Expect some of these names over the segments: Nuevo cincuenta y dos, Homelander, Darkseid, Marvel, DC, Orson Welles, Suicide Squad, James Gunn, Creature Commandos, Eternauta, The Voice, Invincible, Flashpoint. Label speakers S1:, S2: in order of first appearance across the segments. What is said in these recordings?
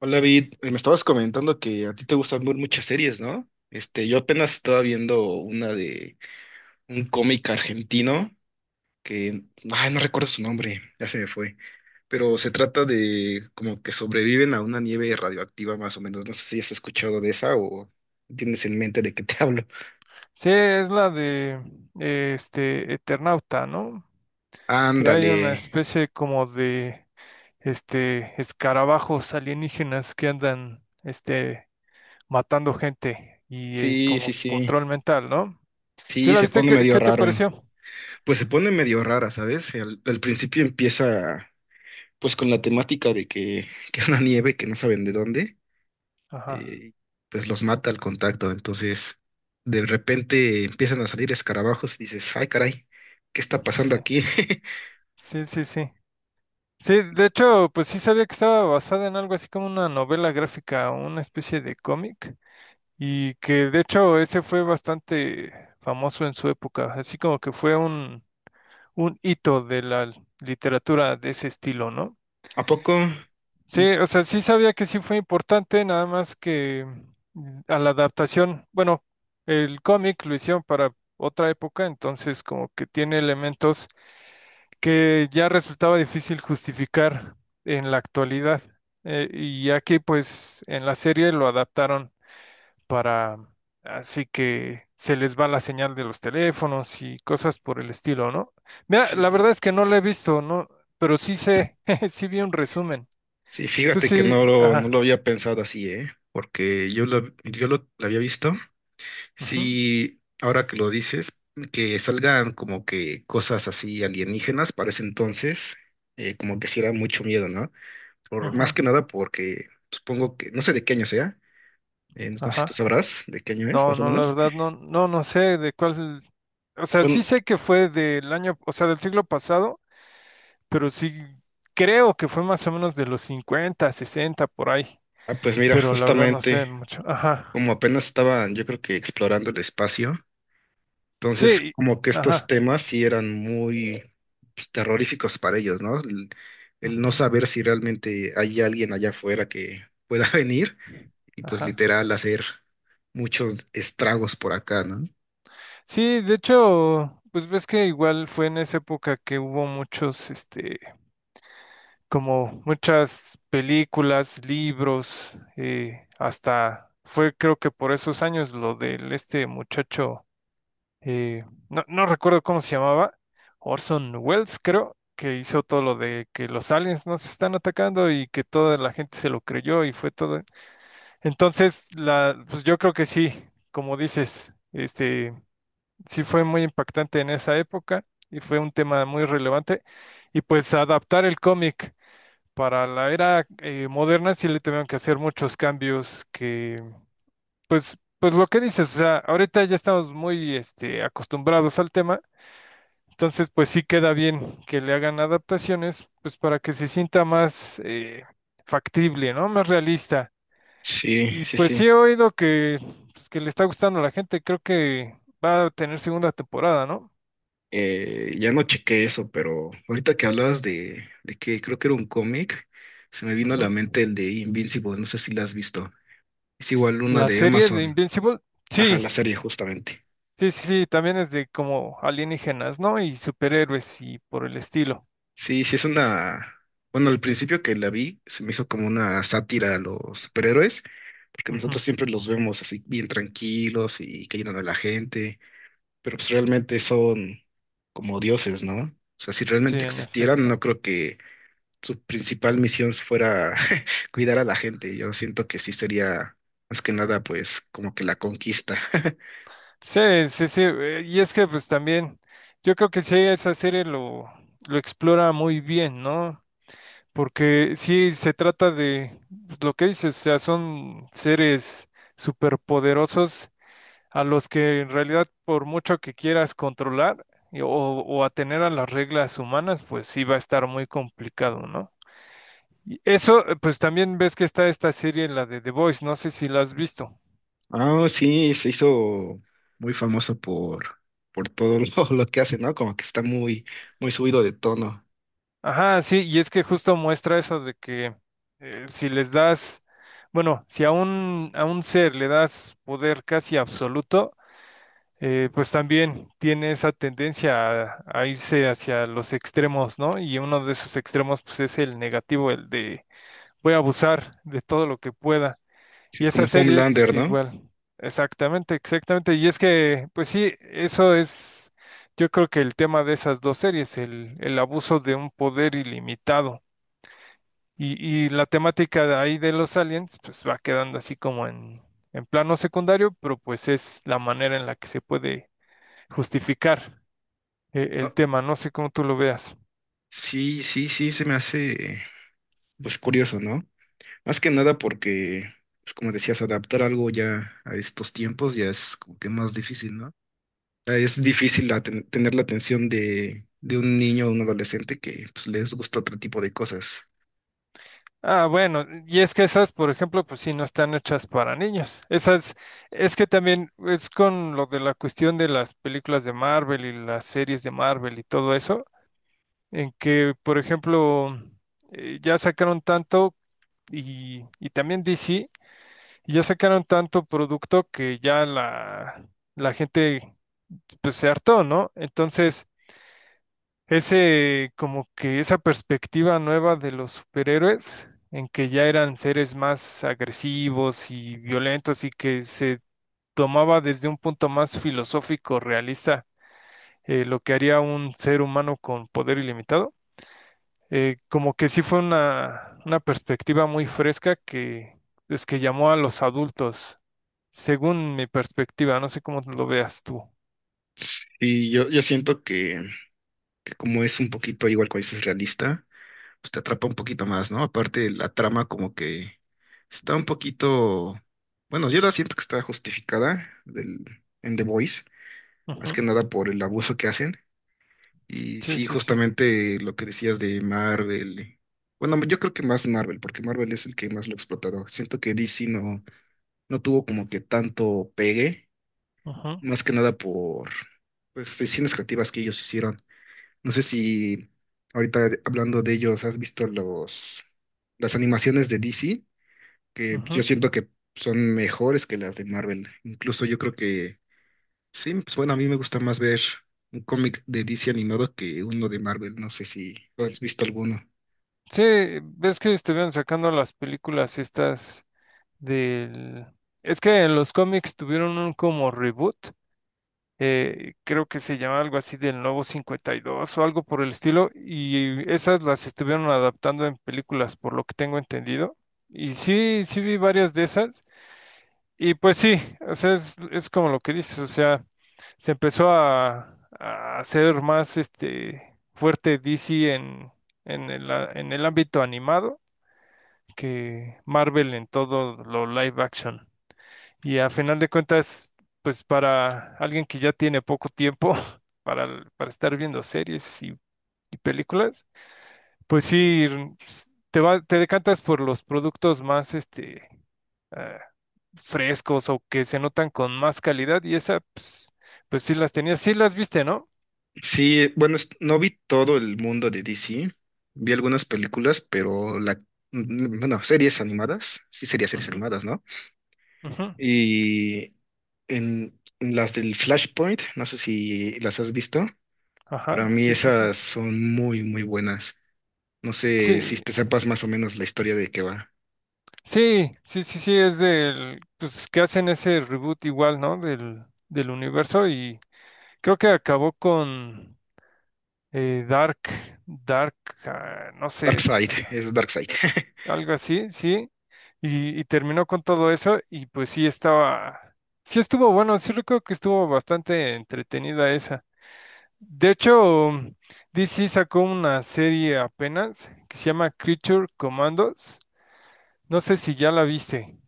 S1: Hola, Vid. Me estabas comentando que a ti te gustan muchas series, ¿no? Este, yo apenas estaba viendo una de un cómic argentino que, ay, no recuerdo su nombre, ya se me fue, pero se trata de como que sobreviven a una nieve radioactiva más o menos. No sé si has escuchado de esa o tienes en mente de qué te hablo.
S2: Sí, es la de Eternauta, ¿no? Que hay
S1: Ándale.
S2: una especie como de escarabajos alienígenas que andan matando gente y
S1: Sí, sí,
S2: como
S1: sí.
S2: control mental, ¿no? ¿Sí
S1: Sí,
S2: la
S1: se
S2: viste?
S1: pone
S2: ¿Qué,
S1: medio
S2: qué te
S1: raro.
S2: pareció?
S1: Pues se pone medio rara, ¿sabes? Al principio empieza pues con la temática de que, que una nieve que no saben de dónde,
S2: Ajá.
S1: eh, pues los mata al contacto. Entonces, de repente empiezan a salir escarabajos y dices, ay, caray, ¿qué está pasando
S2: Sí.
S1: aquí?
S2: Sí, sí, sí. Sí, de hecho, pues sí sabía que estaba basada en algo así como una novela gráfica o una especie de cómic y que de hecho ese fue bastante famoso en su época, así como que fue un hito de la literatura de ese estilo, ¿no?
S1: ¿A poco?
S2: Sí, o sea, sí sabía que sí fue importante, nada más que a la adaptación, bueno, el cómic lo hicieron para otra época, entonces como que tiene elementos que ya resultaba difícil justificar en la actualidad. Y aquí pues en la serie lo adaptaron para, así que se les va la señal de los teléfonos y cosas por el estilo, ¿no? Mira, la
S1: Sí,
S2: verdad es que no la he visto, ¿no? Pero sí sé, sí vi un resumen.
S1: sí,
S2: Tú
S1: fíjate que
S2: sí,
S1: no lo
S2: ajá,
S1: había pensado así, ¿eh? Porque lo había visto.
S2: ujú,
S1: Sí, ahora que lo dices, que salgan como que cosas así alienígenas para ese entonces, como que sí era mucho miedo, ¿no? Por,
S2: ujú,
S1: más que nada porque supongo que, no sé de qué año sea, no sé si tú
S2: ajá.
S1: sabrás de qué año es,
S2: No,
S1: más o
S2: no, la
S1: menos.
S2: verdad no, no, no sé de cuál, o sea,
S1: Bueno,
S2: sí sé que fue del año, o sea, del siglo pasado, pero sí creo que fue más o menos de los 50, 60 por ahí,
S1: ah, pues mira,
S2: pero la verdad no sé
S1: justamente
S2: mucho.
S1: como
S2: Ajá.
S1: apenas estaban, yo creo que explorando el espacio, entonces
S2: Sí,
S1: como que estos
S2: ajá.
S1: temas sí eran muy pues, terroríficos para ellos, ¿no? El no
S2: Ujú.
S1: saber si realmente hay alguien allá afuera que pueda venir y pues
S2: Ajá.
S1: literal hacer muchos estragos por acá, ¿no?
S2: Sí, de hecho, pues ves que igual fue en esa época que hubo muchos, como muchas películas, libros, hasta fue creo que por esos años lo del muchacho, no, no recuerdo cómo se llamaba, Orson Welles creo, que hizo todo lo de que los aliens nos están atacando y que toda la gente se lo creyó y fue todo. Entonces, la, pues yo creo que sí, como dices, sí fue muy impactante en esa época y fue un tema muy relevante. Y pues adaptar el cómic para la era moderna sí le tuvieron que hacer muchos cambios que, pues, pues lo que dices, o sea, ahorita ya estamos muy acostumbrados al tema, entonces pues sí queda bien que le hagan adaptaciones, pues para que se sienta más factible, ¿no? Más realista.
S1: Sí,
S2: Y
S1: sí,
S2: pues sí
S1: sí.
S2: he oído que, pues, que le está gustando a la gente, creo que va a tener segunda temporada, ¿no?
S1: Ya no chequé eso, pero ahorita que hablabas de que creo que era un cómic, se me vino a la
S2: Ujú.
S1: mente el de Invincible, no sé si la has visto. Es igual una
S2: La
S1: de
S2: serie de
S1: Amazon.
S2: Invincible,
S1: Ajá,
S2: sí,
S1: la serie justamente.
S2: sí, sí, sí, también es de como alienígenas, ¿no? Y superhéroes y por el estilo.
S1: Sí, sí es una... Bueno, al principio que la vi se me hizo como una sátira a los superhéroes, porque nosotros
S2: Ujú.
S1: siempre los vemos así bien tranquilos y que ayudan a la gente, pero pues realmente son como dioses, ¿no? O sea, si
S2: Sí,
S1: realmente
S2: en
S1: existieran, no
S2: efecto.
S1: creo que su principal misión fuera cuidar a la gente. Yo siento que sí sería más que nada, pues, como que la conquista.
S2: Sí, sí, sí, y es que pues también, yo creo que sí, esa serie lo explora muy bien, ¿no? Porque sí se trata de pues, lo que dices, o sea, son seres superpoderosos a los que en realidad por mucho que quieras controlar o atener a las reglas humanas, pues sí va a estar muy complicado, ¿no? Y eso, pues también ves que está esta serie, la de The Voice, no sé si la has visto.
S1: Ah, sí, se hizo muy famoso por todo lo que hace, ¿no? Como que está muy, muy subido de tono.
S2: Ajá, sí, y es que justo muestra eso de que si les das, bueno, si a un ser le das poder casi absoluto, pues también tiene esa tendencia a irse hacia los extremos, ¿no? Y uno de esos extremos, pues es el negativo, el de voy a abusar de todo lo que pueda. Y
S1: Sí, como
S2: esas series, pues
S1: Homelander,
S2: sí,
S1: ¿no?
S2: igual. Exactamente, exactamente. Y es que, pues sí, eso es, yo creo que el tema de esas dos series, el abuso de un poder ilimitado. Y la temática de ahí de los aliens, pues va quedando así como en, plano secundario, pero pues es la manera en la que se puede justificar el
S1: No,
S2: tema. No sé cómo tú lo veas.
S1: sí, sí, sí, se me hace, pues, curioso, ¿no? Más que nada porque, pues, como decías, adaptar algo ya a estos tiempos ya es como que más difícil, ¿no? Es difícil tener la atención de un niño o un adolescente que pues, les gusta otro tipo de cosas.
S2: Ah, bueno, y es que esas, por ejemplo, pues sí, no están hechas para niños. Esas, es que también es con lo de la cuestión de las películas de Marvel y las series de Marvel y todo eso, en que, por ejemplo, ya sacaron tanto y también DC, y ya sacaron tanto producto que ya la gente pues, se hartó, ¿no? Entonces, ese como que esa perspectiva nueva de los superhéroes en que ya eran seres más agresivos y violentos y que se tomaba desde un punto más filosófico, realista, lo que haría un ser humano con poder ilimitado. Como que sí fue una perspectiva muy fresca que es que llamó a los adultos, según mi perspectiva, no sé cómo lo veas tú.
S1: Y yo siento que como es un poquito igual cuando dices realista, pues te atrapa un poquito más, ¿no? Aparte la trama como que está un poquito, bueno, yo la siento que está justificada del, en The Voice, más
S2: Ujú.
S1: que nada por el abuso que hacen. Y
S2: Sí,
S1: sí,
S2: sí, sí.
S1: justamente lo que decías de Marvel. Bueno, yo creo que más Marvel, porque Marvel es el que más lo ha explotado. Siento que DC no. No tuvo como que tanto pegue,
S2: Ujú,
S1: más que nada por pues decisiones creativas que ellos hicieron. No sé si ahorita hablando de ellos, has visto los las animaciones de DC, que yo
S2: ujú.
S1: siento que son mejores que las de Marvel. Incluso yo creo que sí, pues bueno, a mí me gusta más ver un cómic de DC animado que uno de Marvel. No sé si has visto alguno.
S2: Sí, ves que estuvieron sacando las películas estas del... Es que en los cómics tuvieron un como reboot, creo que se llama algo así del Nuevo 52 o algo por el estilo, y esas las estuvieron adaptando en películas, por lo que tengo entendido. Y sí, sí vi varias de esas, y pues sí, o sea, es como lo que dices, o sea, se empezó a hacer más fuerte DC en el ámbito animado que Marvel en todo lo live action. Y a final de cuentas, pues para alguien que ya tiene poco tiempo para, para estar viendo series y películas, pues sí, te decantas por los productos más ah, frescos o que se notan con más calidad y esa, pues, pues sí las tenías, sí las viste, ¿no?
S1: Sí, bueno, no vi todo el mundo de DC, vi algunas películas, pero la, mm, bueno, series animadas, sí sería series
S2: Ujú,
S1: animadas, ¿no?
S2: ujú.
S1: Y en las del Flashpoint, no sé si las has visto, para
S2: Ajá,
S1: mí
S2: sí, sí, sí.
S1: esas son muy, muy buenas. No sé si
S2: Sí,
S1: te sepas más o menos la historia de qué va.
S2: sí, sí, sí, sí, es del, pues que hacen ese reboot igual, ¿no? Del universo y creo que acabó con Dark, Dark, ah, no sé,
S1: Darkseid, es Darkseid.
S2: algo así, sí, y terminó con todo eso y pues sí estuvo bueno, sí recuerdo que estuvo bastante entretenida esa. De hecho, DC sacó una serie apenas que se llama Creature Commandos, no sé si ya la viste.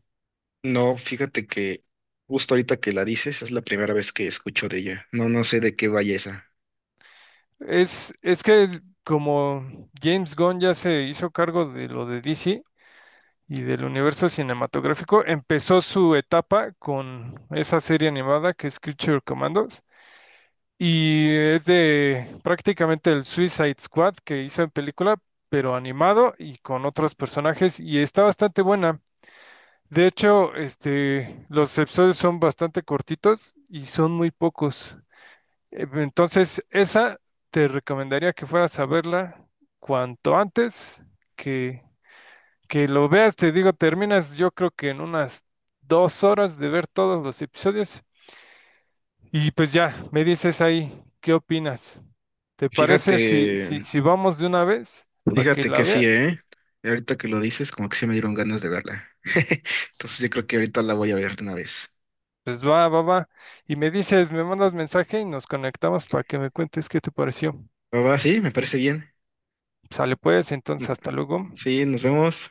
S1: No, fíjate que justo ahorita que la dices es la primera vez que escucho de ella. No, no sé de qué vaya esa.
S2: Es que como James Gunn ya se hizo cargo de lo de DC y del universo cinematográfico, empezó su etapa con esa serie animada que es Creature Commandos y es de prácticamente el Suicide Squad que hizo en película, pero animado y con otros personajes y está bastante buena. De hecho, los episodios son bastante cortitos y son muy pocos. Entonces, esa te recomendaría que fueras a verla cuanto antes que, lo veas. Te digo, terminas yo creo que en unas 2 horas de ver todos los episodios. Y pues ya, me dices ahí, ¿qué opinas? ¿Te parece
S1: Fíjate.
S2: si, vamos de una vez para que
S1: Fíjate
S2: la
S1: que sí,
S2: veas?
S1: ¿eh? Ahorita que lo dices, como que sí me dieron ganas de verla. Entonces yo creo que ahorita la voy a ver de una vez.
S2: Pues va, va, va. Y me dices, me mandas mensaje y nos conectamos para que me cuentes qué te pareció.
S1: Va, va, sí, me parece bien.
S2: Sale pues,
S1: Mm,
S2: entonces hasta luego.
S1: sí, nos vemos.